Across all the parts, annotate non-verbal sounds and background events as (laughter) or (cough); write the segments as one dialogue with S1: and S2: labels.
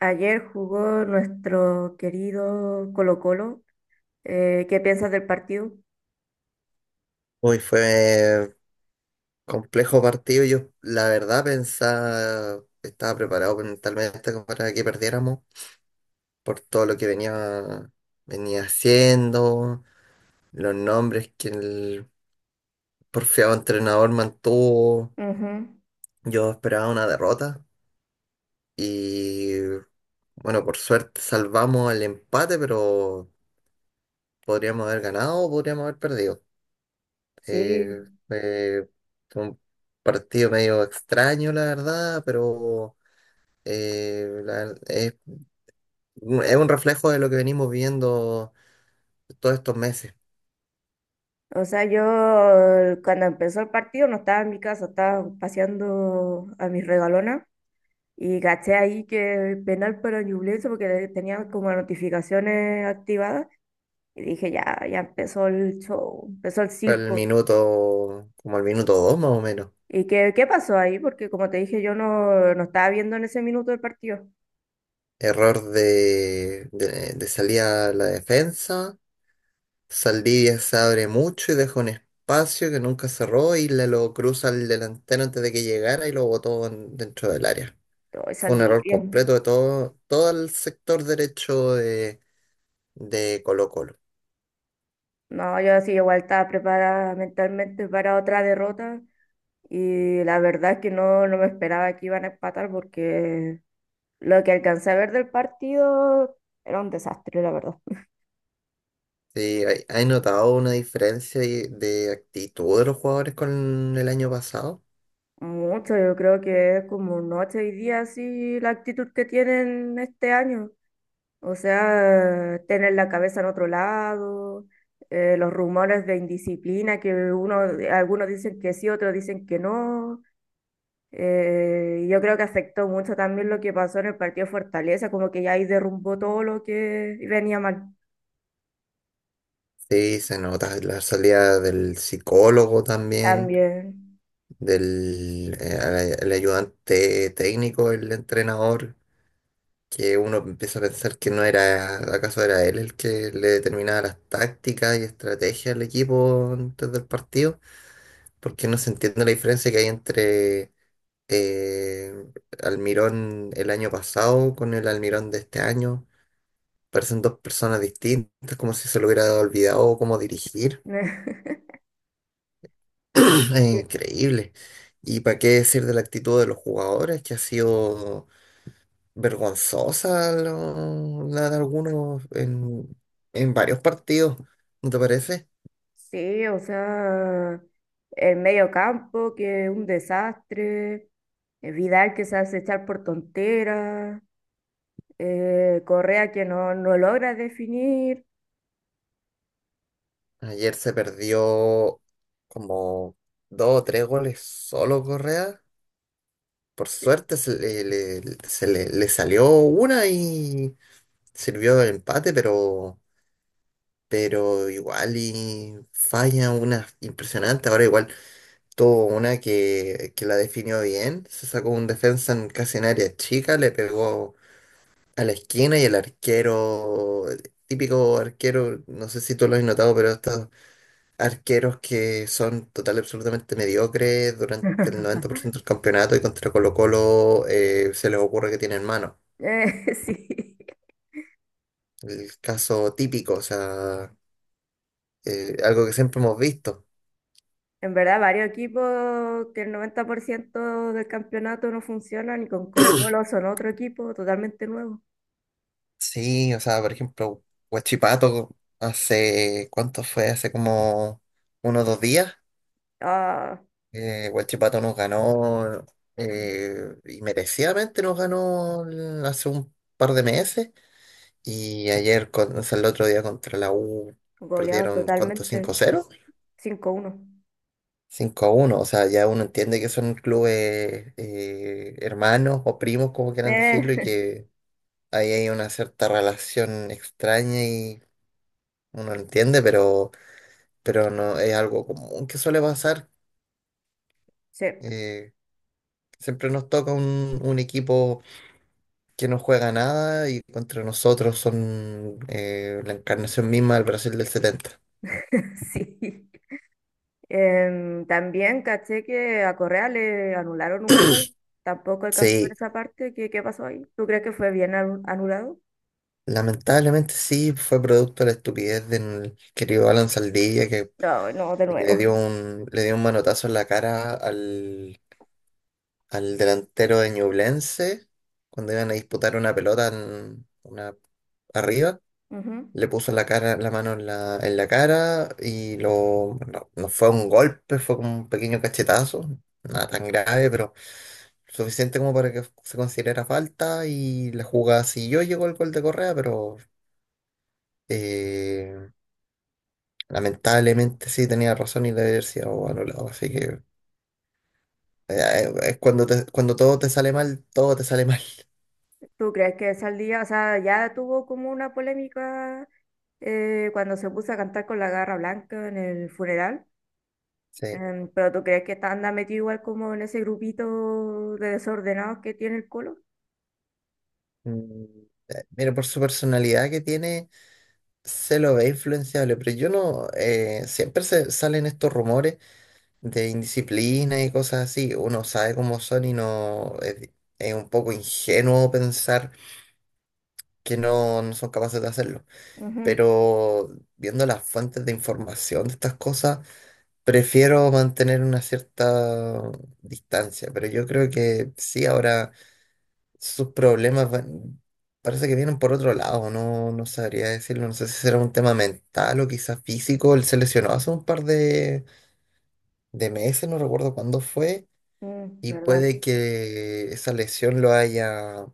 S1: Ayer jugó nuestro querido Colo-Colo. ¿Qué piensas del partido?
S2: Hoy fue complejo partido. Yo, la verdad, pensaba, estaba preparado mentalmente como para que perdiéramos por todo lo que venía haciendo, los nombres que el porfiado entrenador mantuvo.
S1: Ujú.
S2: Yo esperaba una derrota y, bueno, por suerte salvamos el empate, pero podríamos haber ganado o podríamos haber perdido. Eh,
S1: Sí.
S2: eh, Fue un partido medio extraño, la verdad, pero eh, la- es, es un reflejo de lo que venimos viendo todos estos meses.
S1: O sea, yo cuando empezó el partido no estaba en mi casa, estaba paseando a mis regalonas y caché ahí que penal para Ñublense porque tenía como las notificaciones activadas y dije, ya, ya empezó el show, empezó el
S2: Fue el
S1: circo.
S2: minuto, como el minuto dos más o menos.
S1: ¿Y qué pasó ahí? Porque como te dije, yo no, no estaba viendo en ese minuto del partido.
S2: Error de salida a la defensa. Saldivia se abre mucho y deja un espacio que nunca cerró y le lo cruza al delantero antes de que llegara y lo botó dentro del área.
S1: Hoy
S2: Fue un
S1: salí.
S2: error completo de todo, todo el sector derecho de Colo-Colo.
S1: No, yo sí igual estaba preparada mentalmente para otra derrota y la verdad es que no, no me esperaba que iban a empatar porque lo que alcancé a ver del partido era un desastre, la verdad.
S2: Sí, hay notado una diferencia de actitud de los jugadores con el año pasado.
S1: Mucho, yo creo que es como noche y día así la actitud que tienen este año. O sea, tener la cabeza en otro lado, los rumores de indisciplina que uno, algunos dicen que sí, otros dicen que no. Yo creo que afectó mucho también lo que pasó en el partido de Fortaleza, como que ya ahí derrumbó todo lo que venía mal. Mm.
S2: Sí, se nota la salida del psicólogo también,
S1: También.
S2: del al- el ayudante técnico, el entrenador, que uno empieza a pensar que no era, acaso era él el que le determinaba las tácticas y estrategias al equipo antes del partido, porque no se entiende la diferencia que hay entre eh, Almirón el año pasado con el Almirón de este año. Parecen dos personas distintas, como si se le hubiera olvidado cómo dirigir.
S1: (laughs)
S2: (clears throat) Es increíble. ¿Y para qué decir de la actitud de los jugadores, que ha sido vergonzosa la de algunos en varios partidos? ¿No te parece?
S1: Sí, o sea, el medio campo que es un desastre, Vidal que se hace echar por tonteras, Correa que no, no logra definir.
S2: Ayer se perdió como dos o tres goles solo Correa. Por
S1: Eh,
S2: suerte se le salió una y sirvió el empate, pero, igual y falla una impresionante. Ahora igual tuvo una que la definió bien, se sacó un defensa en casi en área chica, le pegó a la esquina y el arquero, típico arquero, no sé si tú lo has notado, pero estos arqueros que son total y absolutamente mediocres durante el 90% del campeonato y contra Colo-Colo se les ocurre que tienen mano.
S1: (laughs) sí.
S2: El caso típico, o sea, algo que siempre hemos visto.
S1: En verdad, varios equipos que el 90% del campeonato no funcionan y con Colo-Colo son otro equipo totalmente nuevo.
S2: Sí, o sea, por ejemplo, Huachipato hace, ¿cuánto fue? Hace como unos 2 días.
S1: Ah,
S2: Huachipato nos ganó y merecidamente nos ganó hace un par de meses. Y ayer, o sea, el otro día contra la U,
S1: goleado
S2: perdieron, ¿cuánto? cinco
S1: totalmente.
S2: cero
S1: 5-1.
S2: 5-1, o sea, ya uno entiende que son clubes hermanos o primos, como quieran decirlo, y
S1: Eh,
S2: que ahí hay una cierta relación extraña y uno lo entiende, pero no es algo común que suele pasar.
S1: (laughs) sí,
S2: Eh, Siempre nos toca un equipo que no juega nada y contra nosotros son la encarnación misma del Brasil del setenta.
S1: (laughs) sí. También caché que a Correa le anularon un gol. Tampoco alcanzó a ver
S2: Sí,
S1: esa parte. ¿Qué pasó ahí? ¿Tú crees que fue bien anulado?
S2: lamentablemente sí, fue producto de la estupidez del querido Alan Saldivia que
S1: No, no, de
S2: le
S1: nuevo.
S2: dio un, le dio un manotazo en la cara al delantero de Ñublense cuando iban a disputar una pelota arriba.
S1: Ujú.
S2: Le puso la cara, la mano en la cara y no, no fue un golpe, fue como un pequeño cachetazo, nada tan grave, pero suficiente como para que se considerara falta y la jugada siguió, llegó el gol de Correa, pero eh, lamentablemente sí tenía razón y la diversidad o anulado, así que es cuando cuando todo te sale mal, todo te sale mal. (laughs)
S1: ¿Tú crees que Saldía, o sea, ya tuvo como una polémica cuando se puso a cantar con la garra blanca en el funeral?
S2: Sí.
S1: Pero tú crees que está anda metido igual como en ese grupito de desordenados que tiene el colo.
S2: Mm, Mira, por su personalidad que tiene, se lo ve influenciable, pero yo no, siempre se salen estos rumores de indisciplina y cosas así. Uno sabe cómo son y no es un poco ingenuo pensar que no, no son capaces de hacerlo.
S1: Ujú,
S2: Pero viendo las fuentes de información de estas cosas prefiero mantener una cierta distancia, pero yo creo que sí, ahora sus problemas van- parece que vienen por otro lado, no, no sabría decirlo, no sé si será un tema mental o quizás físico, él se lesionó hace un par de meses, no recuerdo cuándo fue,
S1: mm,
S2: y
S1: ¿verdad?
S2: puede que esa lesión lo haya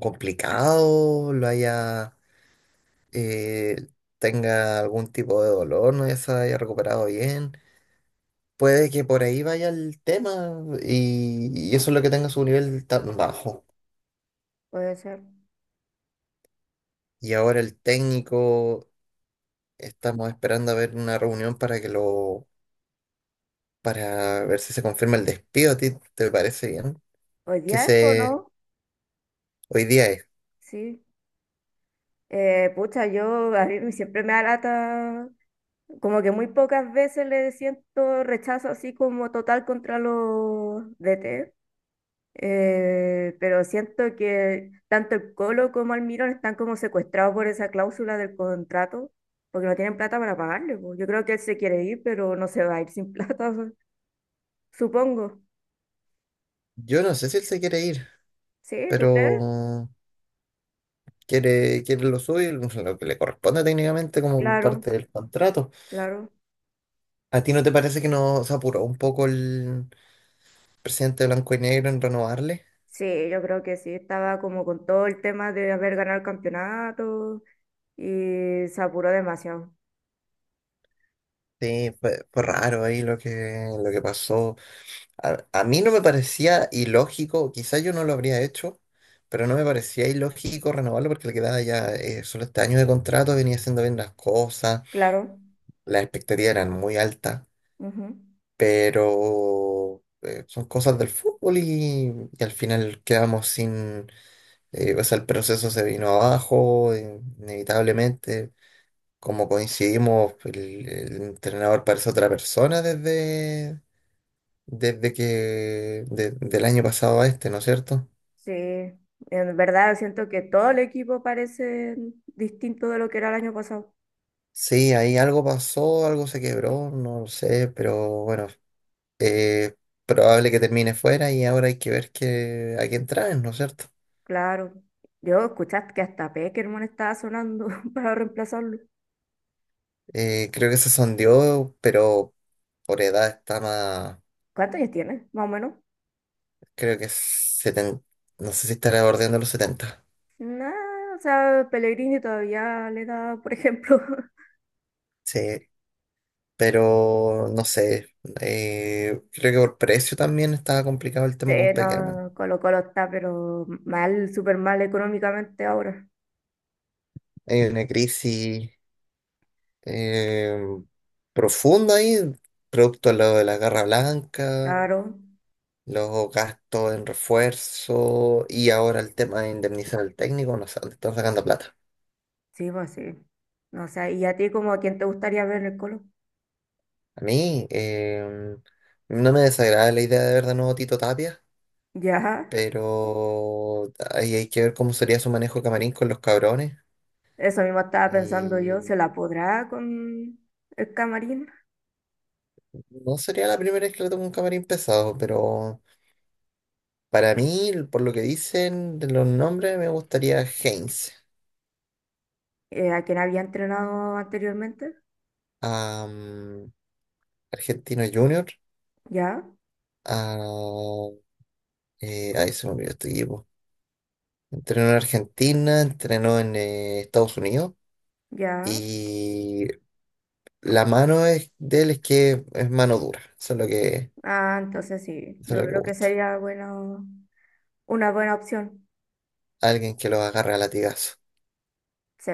S2: complicado, eh, tenga algún tipo de dolor, no ya se haya recuperado bien. Puede que por ahí vaya el tema y eso es lo que tenga su nivel tan bajo.
S1: Puede ser.
S2: Y ahora el técnico, estamos esperando a ver una reunión para que lo, para ver si se confirma el despido. ¿A ti te parece bien?
S1: Hoy
S2: Que
S1: día es, ¿o
S2: se,
S1: no?
S2: Hoy día es.
S1: Sí. Pucha, yo a mí siempre me da lata, como que muy pocas veces le siento rechazo así como total contra los DT. Pero siento que tanto el Colo como Almirón están como secuestrados por esa cláusula del contrato, porque no tienen plata para pagarle, po. Yo creo que él se quiere ir, pero no se va a ir sin (laughs) plata, su- supongo.
S2: Yo no sé si él se quiere ir,
S1: ¿Sí? ¿Tú crees?
S2: pero quiere lo suyo, lo que le corresponde técnicamente como
S1: Claro,
S2: parte del contrato.
S1: claro.
S2: ¿A ti no te parece que no se apuró un poco el presidente Blanco y Negro en renovarle?
S1: Sí, yo creo que sí. Estaba como con todo el tema de haber ganado el campeonato y se apuró demasiado.
S2: Sí, fue raro ahí lo que pasó. A mí no me parecía ilógico, quizás yo no lo habría hecho, pero no me parecía ilógico renovarlo porque le quedaba ya solo este año de contrato, venía haciendo bien las cosas,
S1: Claro.
S2: las expectativas eran muy altas,
S1: Ujú.
S2: pero son cosas del fútbol y al final quedamos sin, o sea, el proceso se vino abajo, inevitablemente. Como coincidimos, el entrenador parece otra persona desde del año pasado a este, ¿no es cierto?
S1: Sí. En verdad siento que todo el equipo parece distinto de lo que era el año pasado.
S2: Sí, ahí algo pasó, algo se quebró, no lo sé, pero bueno, eh, probable que termine fuera y ahora hay que ver a quién traen, ¿no es cierto?
S1: Claro. Yo escuchaste que hasta Peckerman estaba sonando (laughs) para reemplazarlo.
S2: Creo que se sondeó, pero por edad está más,
S1: ¿Cuántos años tiene? Más o menos.
S2: creo que es no sé si estará bordeando los 70.
S1: Nada, o sea, Pellegrini todavía le da, por ejemplo. (laughs)
S2: Sí, pero no sé, creo que por precio también estaba complicado el
S1: Sí,
S2: tema con Peckerman.
S1: no, Colo Colo está, pero mal, súper mal económicamente ahora.
S2: Hay una crisis eh, profunda ahí, producto de lo de la Guerra Blanca,
S1: Claro,
S2: los gastos en refuerzo y ahora el tema de indemnizar al técnico, no sé, dónde están sacando plata.
S1: sí, pues sí. No sé, ¿y a ti como quién te gustaría ver en el Colo?
S2: A mí no me desagrada la idea de ver de nuevo a Tito Tapia,
S1: Ya,
S2: pero ahí hay que ver cómo sería su manejo de camarín con los cabrones.
S1: eso mismo estaba pensando yo,
S2: Y
S1: ¿se la podrá con el Camarín?
S2: no sería la primera vez que le toco un camarín pesado, pero para mí, por lo que dicen de los nombres, me gustaría Heinz.
S1: ¿A quien había entrenado anteriormente?
S2: A Argentino Junior,
S1: Ya,
S2: a... ahí se me olvidó este equipo. Entrenó en Argentina, entrenó en Estados Unidos
S1: ya.
S2: y la mano de él es que es mano dura.
S1: Ah, entonces sí,
S2: Eso es
S1: yo
S2: lo que
S1: creo que
S2: gusta.
S1: sería bueno, una buena opción.
S2: Alguien que lo agarra a latigazo.
S1: Sí.